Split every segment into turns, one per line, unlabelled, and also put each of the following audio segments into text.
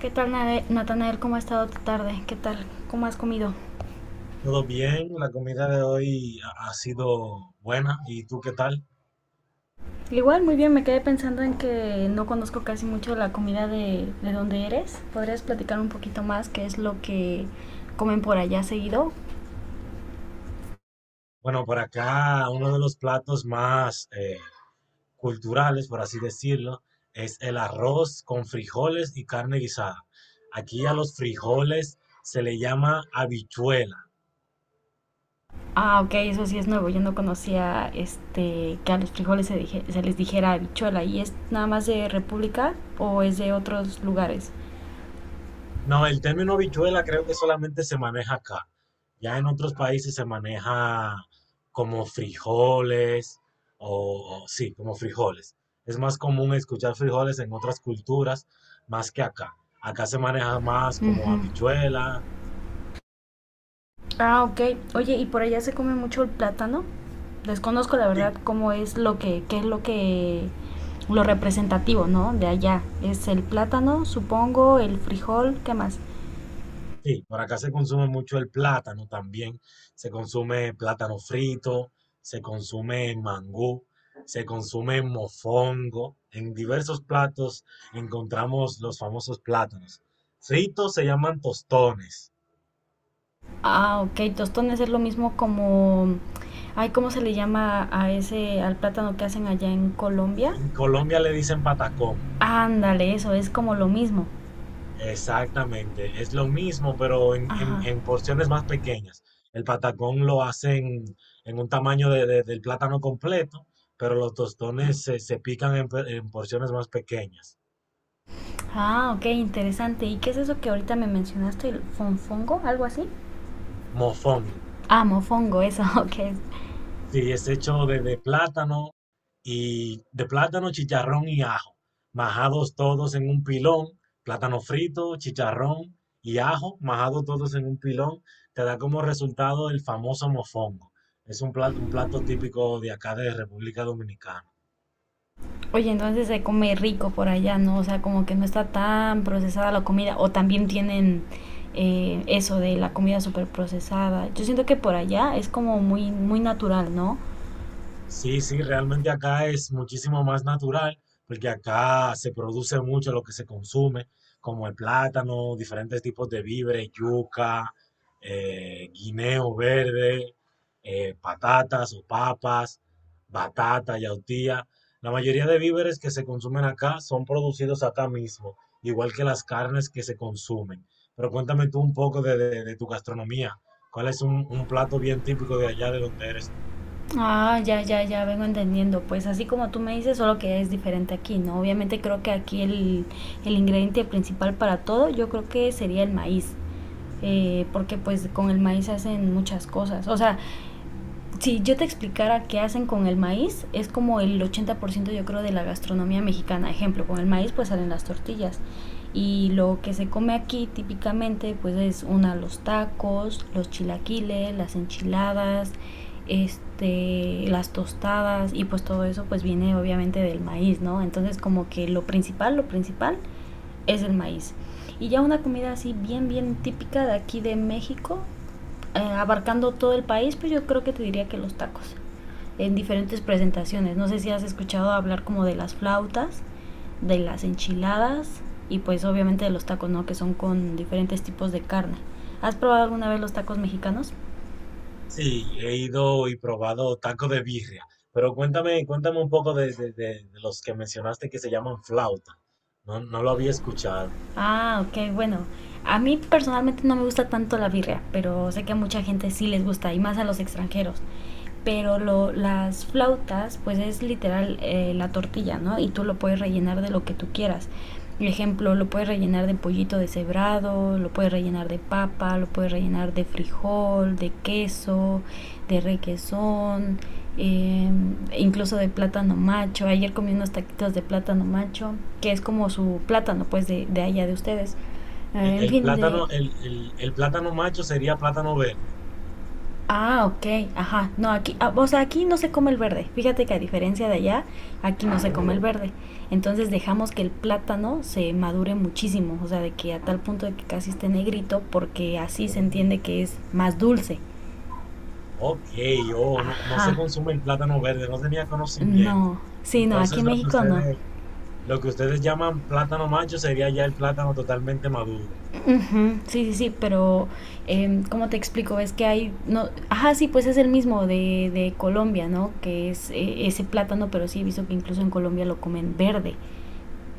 ¿Qué tal, Natanael? ¿Cómo ha estado tu tarde? ¿Qué tal? ¿Cómo has comido?
Todo bien, la comida de hoy ha sido buena. ¿Y tú qué tal?
Igual, muy bien, me quedé pensando en que no conozco casi mucho la comida de donde eres. ¿Podrías platicar un poquito más qué es lo que comen por allá seguido?
Bueno, por acá uno de los platos más culturales, por así decirlo, es el arroz con frijoles y carne guisada. Aquí a los frijoles se le llama habichuela.
Ah, ok, eso sí es nuevo. Yo no conocía este que a los frijoles se les dijera habichuela. ¿Y es nada más de República o es de otros lugares?
No, el término habichuela creo que solamente se maneja acá. Ya en otros países se maneja como frijoles o sí, como frijoles. Es más común escuchar frijoles en otras culturas más que acá. Acá se maneja más como
Ujú.
habichuela.
Ah, ok. Oye, ¿y por allá se come mucho el plátano? Desconozco la
Sí.
verdad cómo es qué es lo representativo, ¿no? De allá. Es el plátano, supongo, el frijol, ¿qué más?
Sí, por acá se consume mucho el plátano también. Se consume plátano frito, se consume mangú, se consume mofongo. En diversos platos encontramos los famosos plátanos. Fritos se llaman tostones.
Ah, ok. Tostones es lo mismo como, ay, ¿cómo se le llama a ese, al plátano que hacen allá en Colombia?
En Colombia le dicen patacón.
Ándale, eso es como lo mismo.
Exactamente, es lo mismo, pero en, en-
Ajá.
en porciones más pequeñas. El patacón lo hacen en un tamaño del plátano completo, pero los tostones se pican en porciones más pequeñas.
Ah, ok, interesante. ¿Y qué es eso que ahorita me mencionaste? ¿El fonfongo? ¿Algo así?
Mofongo.
Ah, mofongo, eso, ok.
Sí, es hecho de plátano y de plátano, chicharrón y ajo, majados todos en un pilón, plátano frito, chicharrón y ajo, majados todos en un pilón, te da como resultado el famoso mofongo. Es un plato típico de acá de República Dominicana.
Oye, entonces se come rico por allá, ¿no? O sea, como que no está tan procesada la comida. O también tienen eso de la comida súper procesada. Yo siento que por allá es como muy, muy natural, ¿no?
Sí, sí, realmente acá es muchísimo más natural, porque acá se produce mucho lo que se consume, como el plátano, diferentes tipos de víveres, yuca, guineo verde, patatas o papas, batata, yautía. La mayoría de víveres que se consumen acá son producidos acá mismo, igual que las carnes que se consumen. Pero cuéntame tú un poco de tu gastronomía. ¿Cuál es un plato bien típico de allá de donde eres tú?
Ah, ya, ya, ya vengo entendiendo. Pues así como tú me dices, solo que es diferente aquí, ¿no? Obviamente creo que aquí el ingrediente principal para todo, yo creo que sería el maíz. Porque pues con el maíz hacen muchas cosas. O sea, si yo te explicara qué hacen con el maíz, es como el 80%, yo creo, de la gastronomía mexicana. Ejemplo, con el maíz pues salen las tortillas. Y lo que se come aquí típicamente pues es una, los tacos, los chilaquiles, las enchiladas, este, las tostadas, y pues todo eso pues viene obviamente del maíz, ¿no? Entonces como que lo principal es el maíz. Y ya una comida así bien, bien típica de aquí de México, abarcando todo el país, pues yo creo que te diría que los tacos, en diferentes presentaciones. No sé si has escuchado hablar como de las flautas, de las enchiladas y pues obviamente de los tacos, ¿no? Que son con diferentes tipos de carne. ¿Has probado alguna vez los tacos mexicanos?
Sí, he ido y probado taco de birria, pero cuéntame, cuéntame un poco de los que mencionaste que se llaman flauta. No, no lo había escuchado.
Ah, ok, bueno. A mí personalmente no me gusta tanto la birria, pero sé que a mucha gente sí les gusta, y más a los extranjeros. Pero lo, las flautas, pues es literal la tortilla, ¿no? Y tú lo puedes rellenar de lo que tú quieras. Por ejemplo, lo puedes rellenar de pollito deshebrado, lo puedes rellenar de papa, lo puedes rellenar de frijol, de queso, de requesón, eh, incluso de plátano macho. Ayer comí unos taquitos de plátano macho, que es como su plátano, pues, de allá de ustedes. En
El
fin, de...
plátano, el plátano macho sería plátano verde.
Ah, ok, ajá. No, aquí, ah, o sea, aquí no se come el verde. Fíjate que a diferencia de allá, aquí no se come el
Oh,
verde. Entonces dejamos que el plátano se madure muchísimo, o sea, de que a tal punto de que casi esté negrito, porque así se
oh,
entiende que es más dulce.
ok, oh, no, no
Ajá,
se consume el plátano verde, no tenía conocimiento.
no. Sí, no, aquí
Entonces
en México no.
lo que ustedes llaman plátano macho sería ya el plátano totalmente maduro.
Ujú. Sí, sí, sí, pero ¿cómo te explico? Es que hay, no, ajá, sí, pues es el mismo de Colombia, ¿no? Que es ese plátano, pero sí he visto que incluso en Colombia lo comen verde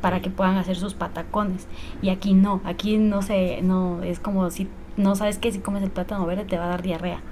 para que
Sí.
puedan hacer sus patacones. Y aquí no sé, no, es como si no sabes que si comes el plátano verde te va a dar diarrea.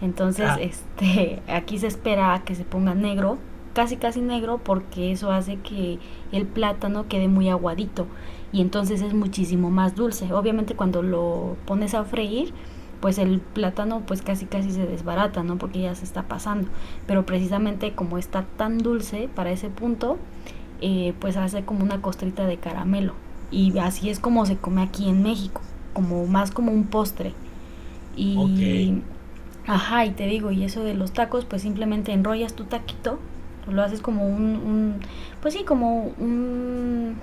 Entonces, este, aquí se espera a que se ponga negro, casi casi negro, porque eso hace que el plátano quede muy aguadito y entonces es muchísimo más dulce. Obviamente cuando lo pones a freír, pues el plátano pues casi casi se desbarata, ¿no? Porque ya se está pasando. Pero precisamente como está tan dulce para ese punto, pues hace como una costrita de caramelo. Y así es como se come aquí en México, como más como un postre.
Ok,
Y ajá, y te digo, y eso de los tacos, pues simplemente enrollas tu taquito, lo haces como un pues sí,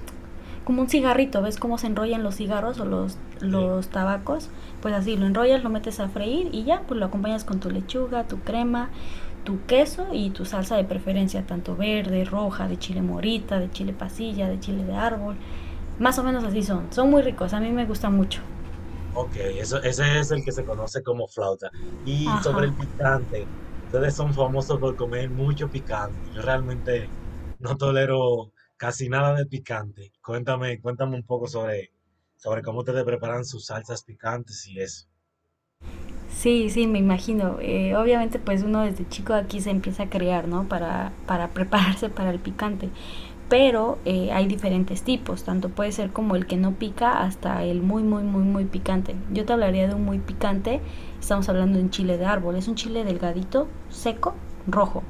como un cigarrito, ¿ves cómo se enrollan los cigarros o
sí.
los tabacos? Pues así, lo enrollas, lo metes a freír y ya, pues lo acompañas con tu lechuga, tu crema, tu queso y tu salsa de preferencia, tanto verde, roja, de chile morita, de chile pasilla, de chile de árbol. Más o menos así son. Son muy ricos, a mí me gusta mucho.
Ok, eso, ese es el que se conoce como flauta. Y sobre
Ajá.
el picante, ustedes son famosos por comer mucho picante. Yo realmente no tolero casi nada de picante. Cuéntame, cuéntame un poco sobre, sobre cómo ustedes preparan sus salsas picantes y eso.
Sí, sí, me imagino. Obviamente, pues uno desde chico aquí se empieza a crear, ¿no? Para prepararse para el picante. Pero hay diferentes tipos, tanto puede ser como el que no pica hasta el muy, muy, muy, muy picante. Yo te hablaría de un muy picante, estamos hablando de un chile de árbol, es un chile delgadito, seco, rojo.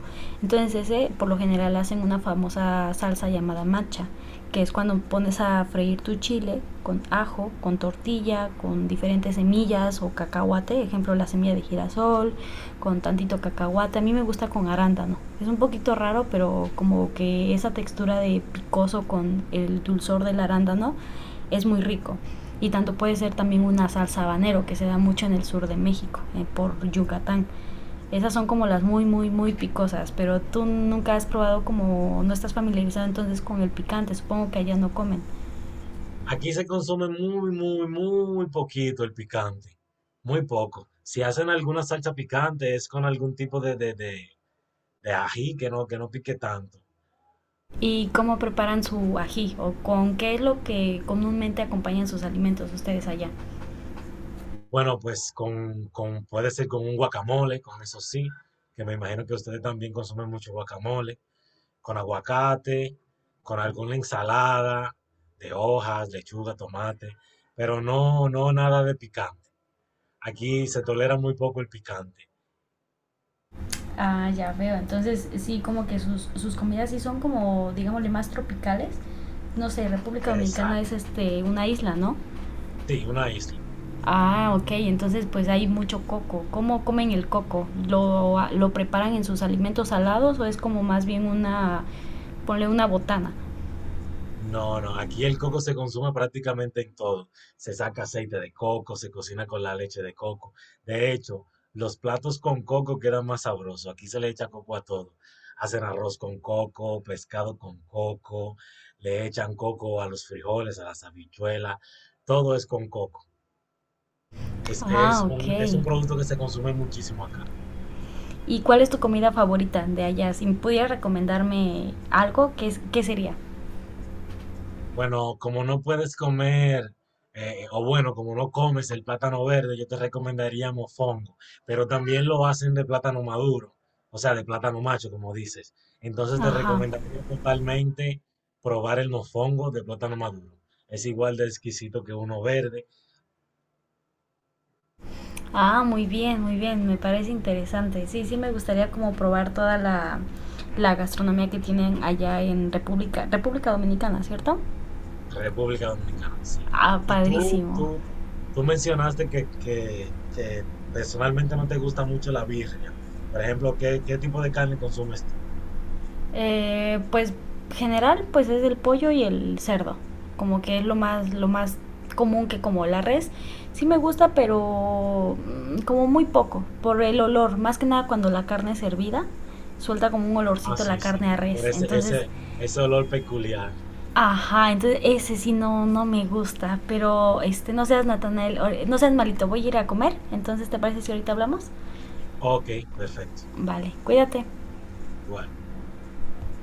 Entonces ese por lo general hacen una famosa salsa llamada macha, que es cuando pones a freír tu chile con ajo, con tortilla, con diferentes semillas o cacahuate, ejemplo la semilla de girasol, con tantito cacahuate. A mí me gusta con arándano. Es un poquito raro, pero como que esa textura de picoso con el dulzor del arándano es muy rico. Y tanto puede ser también una salsa habanero que se da mucho en el sur de México, por Yucatán. Esas son como las muy, muy, muy picosas, pero tú nunca has probado como, no estás familiarizado entonces con el picante, supongo que allá no comen.
Aquí se consume muy, muy, muy poquito el picante. Muy poco. Si hacen alguna salsa picante es con algún tipo de ají que no pique tanto.
¿Y cómo preparan su ají o con qué es lo que comúnmente acompañan sus alimentos ustedes allá?
Bueno, pues con, puede ser con un guacamole, con eso sí, que me imagino que ustedes también consumen mucho guacamole, con aguacate, con alguna ensalada de hojas, lechuga, tomate, pero no, no nada de picante. Aquí se tolera muy poco el picante.
Ah, ya veo. Entonces, sí, como que sus, sus comidas sí son como, digámosle, más tropicales. No sé, República Dominicana es
Exacto.
este una isla, ¿no?
Sí, una isla.
Ah, ok, entonces pues hay mucho coco. ¿Cómo comen el coco? ¿Lo, ah, lo preparan en sus alimentos salados o es como más bien una, ponle una botana?
No, no, aquí el coco se consume prácticamente en todo. Se saca aceite de coco, se cocina con la leche de coco. De hecho, los platos con coco quedan más sabrosos. Aquí se le echa coco a todo. Hacen arroz con coco, pescado con coco, le echan coco a los frijoles, a las habichuelas. Todo es con coco. Es, es
Ah, ok.
un, es un producto que se consume muchísimo acá.
¿Y cuál es tu comida favorita de allá? Si pudieras recomendarme algo, ¿qué, es- qué sería?
Bueno, como no puedes comer, o bueno, como no comes el plátano verde, yo te recomendaría mofongo, pero también lo hacen de plátano maduro, o sea, de plátano macho, como dices. Entonces te
Ajá.
recomendaría totalmente probar el mofongo de plátano maduro. Es igual de exquisito que uno verde,
Ah, muy bien, me parece interesante. Sí, sí, me gustaría como probar toda la, la gastronomía que tienen allá en República, República Dominicana, ¿cierto?
República Dominicana, sí.
Ah,
Y tú,
padrísimo.
tú, tú mencionaste que personalmente no te gusta mucho la birria. Por ejemplo, ¿qué, qué tipo de carne consumes tú?
Pues general, pues es el pollo y el cerdo. Como que es lo más común que como la res. Sí me gusta, pero como muy poco, por el olor. Más que nada cuando la carne es hervida, suelta como un
Ah,
olorcito la
sí, sí.
carne a
Por
res.
ese,
Entonces,
ese, ese olor peculiar.
ajá, entonces ese sí no, no me gusta. Pero este, no seas Natanael, no seas malito, voy a ir a comer. Entonces, ¿te parece si ahorita hablamos?
Ok, perfecto.
Vale, cuídate.
Igual.